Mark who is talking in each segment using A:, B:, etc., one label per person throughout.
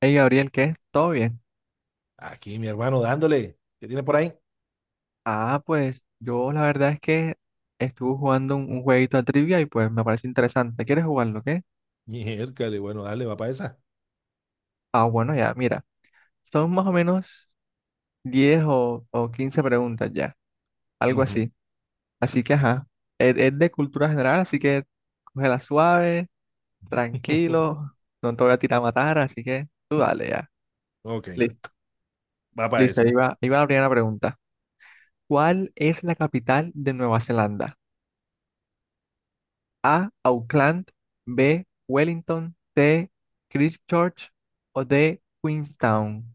A: Hey Gabriel, ¿qué? ¿Todo bien?
B: Aquí, mi hermano, dándole. ¿Qué tiene por ahí?
A: Ah, pues yo la verdad es que estuve jugando un jueguito de trivia y pues me parece interesante. ¿Quieres jugarlo, qué?
B: Miércale, bueno, dale, va para esa.
A: Ah, bueno, ya, mira. Son más o menos 10 o 15 preguntas ya, algo
B: Ujú.
A: así. Así que, ajá, es de cultura general, así que cógela suave, tranquilo, no te voy a tirar a matar, así que tú dale ya.
B: Ok,
A: Listo,
B: va para
A: listo,
B: esa.
A: ahí va la primera pregunta. ¿Cuál es la capital de Nueva Zelanda? A. Auckland. B. Wellington. C. Christchurch. O D. Queenstown.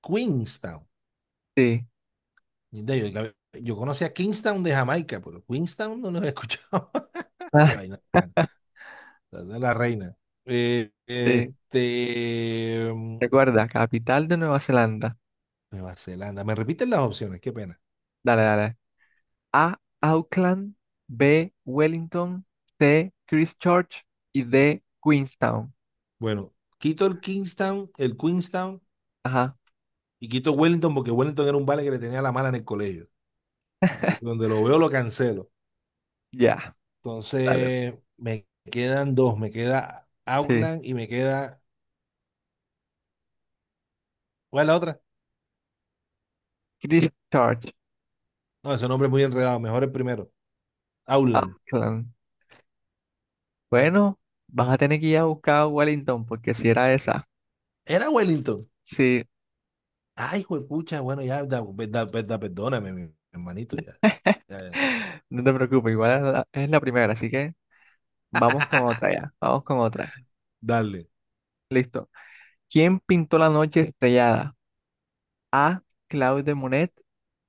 B: Queenstown.
A: Sí.
B: De- yo conocía Kingstown de Jamaica, pero Queenstown no lo he escuchado. Qué
A: Ah,
B: vaina bacana. La de la reina.
A: sí.
B: Este.
A: Recuerda, capital de Nueva Zelanda.
B: Nueva Zelanda. ¿Me repiten las opciones? Qué pena.
A: Dale, dale. A. Auckland. B. Wellington. C. Christchurch. Y D. Queenstown.
B: Bueno, quito el Kingstown, el Queenstown,
A: Ajá.
B: y quito Wellington porque Wellington era un vale que le tenía la mala en el colegio. Y donde lo veo lo cancelo.
A: Ya. Dale.
B: Entonces, me quedan dos. Me queda
A: Sí.
B: Auckland y me queda. ¿Cuál es la otra?
A: Christchurch.
B: No, ese nombre es muy enredado. Mejor el primero. Auckland.
A: Auckland. Bueno, vas a tener que ir a buscar a Wellington porque si era esa.
B: Era Wellington.
A: Sí.
B: Ay, pucha, bueno, ya, perdóname, mi hermanito, ya. Ya, ya.
A: No te preocupes, igual es la primera, así que vamos con otra ya, vamos con otra.
B: Dale.
A: Listo. ¿Quién pintó la noche estrellada? A. Claude de Monet,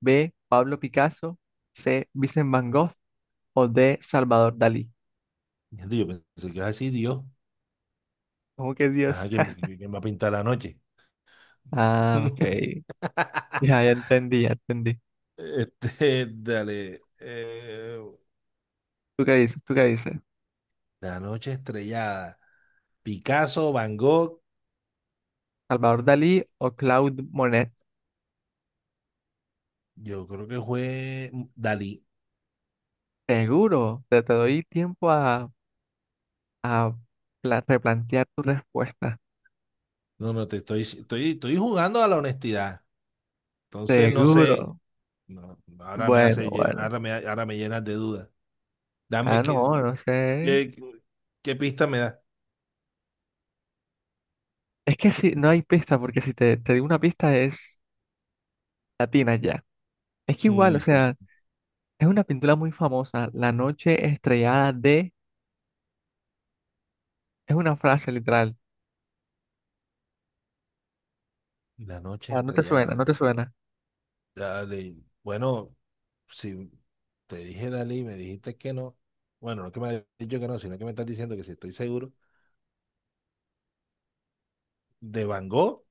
A: B. Pablo Picasso, C. Vincent Van Gogh o D. Salvador Dalí.
B: Gente, yo pensé que ibas a decir Dios.
A: ¿Cómo que Dios?
B: Ajá, quién va a pintar la noche?
A: Ah, ok. Ya, ya entendí, ya entendí.
B: Este, dale.
A: ¿Tú qué dices? ¿Tú qué dices?
B: La noche estrellada. Picasso, Van Gogh,
A: ¿Salvador Dalí o Claude Monet?
B: yo creo que fue Dalí.
A: Seguro, te doy tiempo a, a replantear tu respuesta.
B: No, no, te estoy jugando a la honestidad. Entonces, no sé.
A: Seguro.
B: No,
A: Bueno, bueno.
B: ahora me llenas de dudas. Dame,
A: Ah, no, no sé.
B: qué, qué pista me da?
A: Es que si no hay pista, porque si te digo una pista es latina ya. Es que igual, o
B: Ujú.
A: sea, es una pintura muy famosa, La noche estrellada de... Es una frase literal.
B: La noche
A: Ah, no te suena, no te
B: estrellada.
A: suena.
B: Dale. Bueno, si te dije dale y me dijiste que no. Bueno, no que me has dicho que no, sino que me estás diciendo que si estoy seguro. ¿De Van Gogh?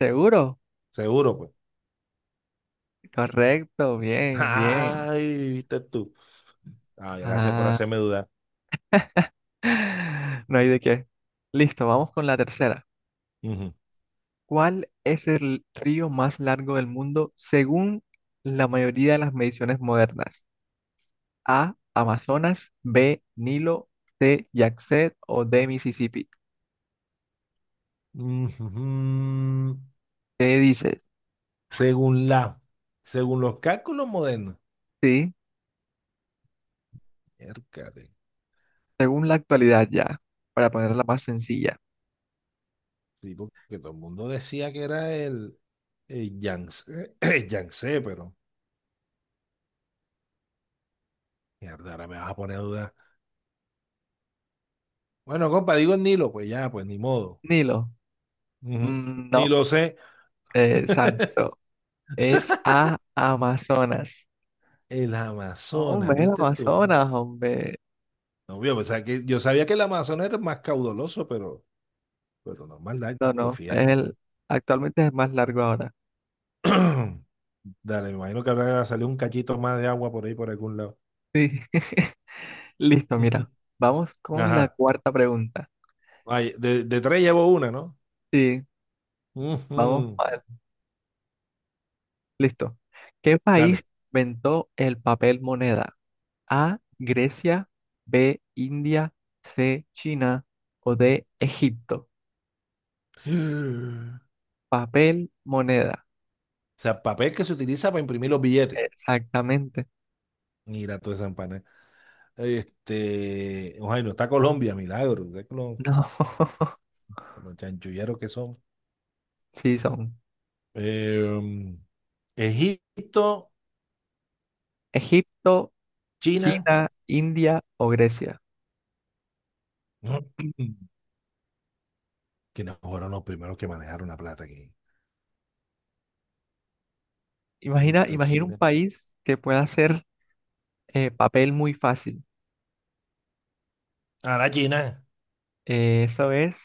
A: ¿Seguro?
B: Seguro, pues.
A: Correcto, bien, bien.
B: Ay, viste tú. Ah, gracias por
A: Ah,
B: hacerme dudar.
A: no hay de qué. Listo, vamos con la tercera.
B: Ujú.
A: ¿Cuál es el río más largo del mundo según la mayoría de las mediciones modernas? A, Amazonas; B, Nilo; C, Yangtze o D, Mississippi.
B: Ujú.
A: ¿Qué dices?
B: Según la, según los cálculos modernos,
A: Sí,
B: miércale,
A: según la actualidad ya, para ponerla más sencilla.
B: sí, porque todo el mundo decía que era el Yangtze, el Yangtze, pero mierda, ahora me vas a poner a dudar. Bueno, compa, digo el Nilo, pues ya, pues ni modo.
A: Nilo,
B: Ujú.
A: mm,
B: Ni
A: no,
B: lo sé.
A: exacto, es a Amazonas.
B: El Amazonas,
A: Hombre, el
B: ¿viste tú?
A: Amazonas, hombre.
B: No, yo pensaba que, yo sabía que el Amazonas era más caudaloso, pero no más
A: No,
B: largo,
A: no,
B: fíjate. Tú.
A: actualmente es el más largo ahora.
B: Dale, me imagino que habrá salido un cachito más de agua por ahí, por algún lado.
A: Sí, listo, mira, vamos con la
B: Ajá.
A: cuarta pregunta.
B: Ay, de tres llevo una, ¿no?
A: Sí, vamos,
B: Ujú.
A: mal. Listo. ¿Qué país
B: Dale.
A: inventó el papel moneda? A, Grecia; B, India; C, China o D, Egipto. Papel, moneda.
B: O sea, papel que se utiliza para imprimir los billetes.
A: Exactamente.
B: Mira toda esa empanada. Este, oh, ay, no está Colombia, milagro. ¿Sabes
A: No.
B: con los chanchulleros que son?
A: Sí, son
B: Em, Egipto,
A: Egipto,
B: China.
A: China, India o Grecia.
B: No, ¿quiénes fueron los primeros que manejaron la plata aquí?
A: Imagina,
B: Egipto,
A: imagina un
B: China.
A: país que pueda hacer papel muy fácil.
B: Ah, la China.
A: Eh, eso es,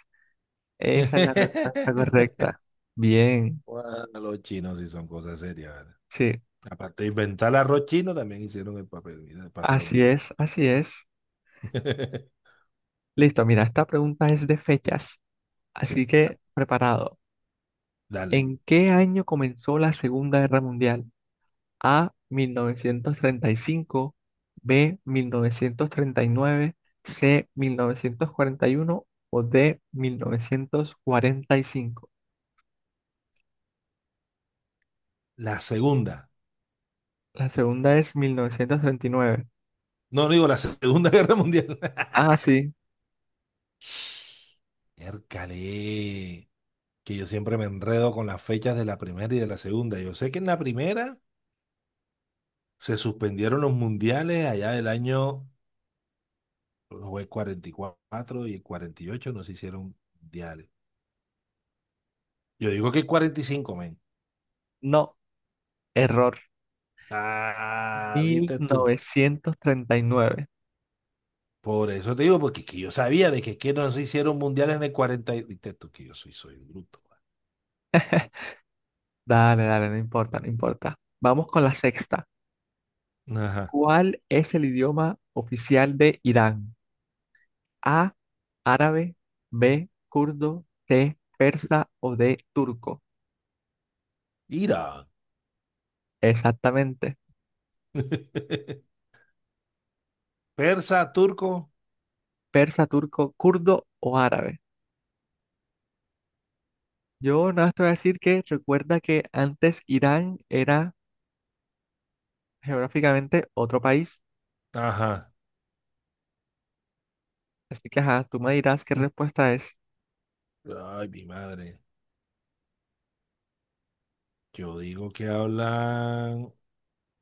A: esa es la respuesta correcta. Bien,
B: Bueno, los chinos sí son cosas serias, ¿vale?
A: sí,
B: Aparte de inventar el arroz chino, también hicieron el papel, mira, para hacer los
A: así
B: billetes.
A: es, así es. Listo, mira, esta pregunta es de fechas, así que preparado.
B: Dale.
A: ¿En qué año comenzó la Segunda Guerra Mundial? A, 1935; B, 1939; C, 1941 o D, 1945.
B: La segunda.
A: La segunda es 1939.
B: No, no digo la Segunda Guerra Mundial.
A: Ah, sí,
B: Miércale, que yo siempre me enredo con las fechas de la primera y de la segunda. Yo sé que en la primera se suspendieron los mundiales allá del año fue cuarenta y cuatro y el 48 no se hicieron mundiales. Yo digo que el 45, men.
A: no, error.
B: Ah,
A: Mil
B: viste tú.
A: novecientos treinta y nueve.
B: Por eso te digo, porque es que yo sabía de que, es que no se hicieron mundiales en el Viste tú que yo soy bruto.
A: Dale, dale, no importa, no importa. Vamos con la sexta.
B: Ajá.
A: ¿Cuál es el idioma oficial de Irán? A, árabe; B, kurdo; C, persa o D, turco.
B: Mira.
A: Exactamente.
B: Persa, turco.
A: Persa, turco, kurdo o árabe. Yo nada más te voy a decir que recuerda que antes Irán era geográficamente otro país.
B: Ajá.
A: Así que ajá, tú me dirás qué respuesta es.
B: Ay, mi madre. Yo digo que hablan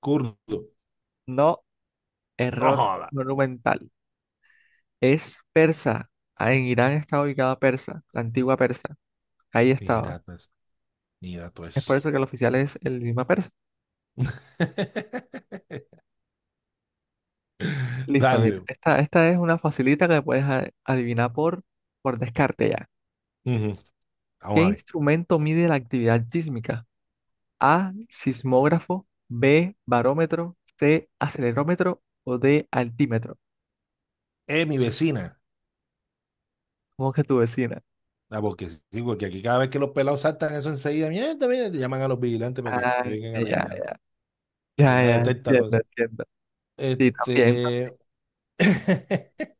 B: kurdo.
A: No,
B: No
A: error
B: joda.
A: monumental. Es persa. Ah, en Irán está ubicada Persa, la antigua Persa. Ahí estaba.
B: Mira, pues, mira, tú
A: Es por eso
B: es.
A: que el oficial es el idioma persa. Listo, mira.
B: Dale.
A: Esta es una facilita que puedes adivinar por descarte ya.
B: Ujú.
A: ¿Qué
B: Vamos a ver.
A: instrumento mide la actividad sísmica? A, sismógrafo; B, barómetro; C, acelerómetro o D, altímetro.
B: Mi vecina.
A: ¿Cómo que tu vecina?
B: Ah, porque sí, porque aquí cada vez que los pelados saltan eso enseguida, mierda, mira, te llaman a los vigilantes para que
A: Ah,
B: vengan a
A: ya,
B: regañar.
A: ya,
B: Ella
A: ya,
B: detecta todo
A: entiendo,
B: eso.
A: entiendo. Sí, también,
B: Este.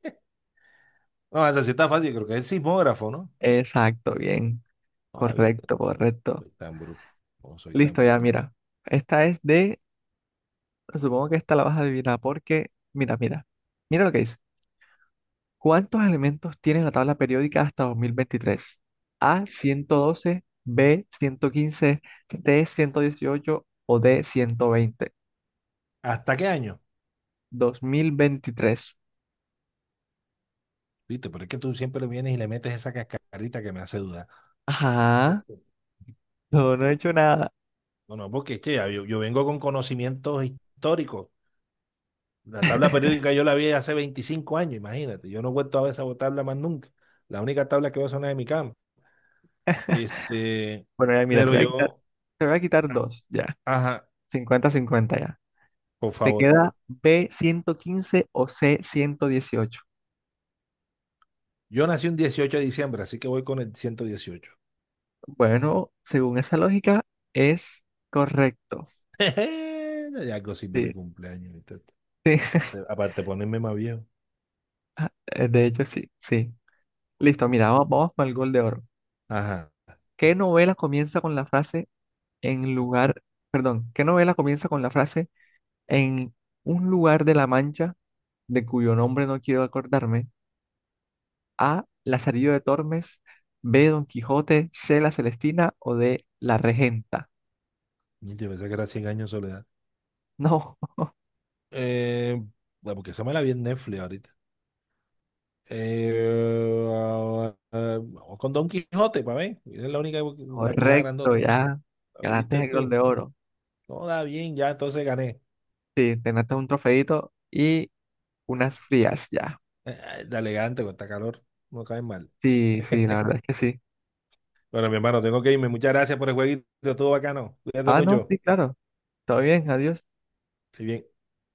B: No, esa sí está fácil, creo que es el sismógrafo, ¿no?
A: exacto, bien.
B: No, David.
A: Correcto, correcto.
B: Soy tan bruto. No soy tan
A: Listo, ya,
B: bruto.
A: mira. Esta es de, supongo que esta la vas a adivinar porque, mira, mira. Mira lo que dice. ¿Cuántos elementos tiene la tabla periódica hasta 2023? A, 112; B, 115; C, 118 o D, 120.
B: ¿Hasta qué año?
A: 2023.
B: ¿Viste? Pero es que tú siempre le vienes y le metes esa cascarita que me hace dudar.
A: Ajá,
B: Yo,
A: no, no he
B: ¿qué?
A: hecho nada.
B: No, no, porque es que ya yo vengo con conocimientos históricos. La tabla periódica yo la vi hace 25 años, imagínate. Yo no he vuelto a ver esa tabla más nunca. La única tabla que veo son las de mi cama. Este,
A: Bueno, ya mira,
B: pero yo,
A: te voy a quitar
B: a-
A: dos, ya.
B: ajá,
A: 50-50 ya.
B: por
A: Te
B: favor.
A: queda B115 o C118.
B: Yo nací un 18 de diciembre, así que voy con el 118.
A: Bueno, según esa lógica, es correcto.
B: De algo sirve mi
A: Sí,
B: cumpleaños. ¿Viste?
A: sí,
B: Aparte de ponerme más viejo.
A: de hecho sí, sí. Listo, mira, vamos, vamos para el gol de oro.
B: Ajá.
A: ¿Qué novela comienza con la frase en lugar, qué novela comienza con la frase en un lugar de la Mancha de cuyo nombre no quiero acordarme? A. Lazarillo de Tormes, B. Don Quijote, C. La Celestina o D. La Regenta.
B: Yo pensé que era Cien años de soledad.
A: No,
B: Eh, bueno, porque esa me la vi en Netflix ahorita. Eh, vamos con Don Quijote, para ver. Esa es la única, la quija
A: correcto,
B: grandota.
A: ya.
B: ¿La viste
A: Ganaste el gol
B: tú?
A: de oro.
B: No, da bien, ya entonces gané.
A: Sí, te ganaste un trofeito y unas frías, ya.
B: Da elegante con esta calor. No cae mal.
A: Sí, sí, la verdad es que sí.
B: Bueno, mi hermano, tengo que irme. Muchas gracias por el jueguito. Estuvo bacano. Cuídate
A: Ah, no,
B: mucho.
A: sí, claro. Todo bien, adiós.
B: Estoy bien.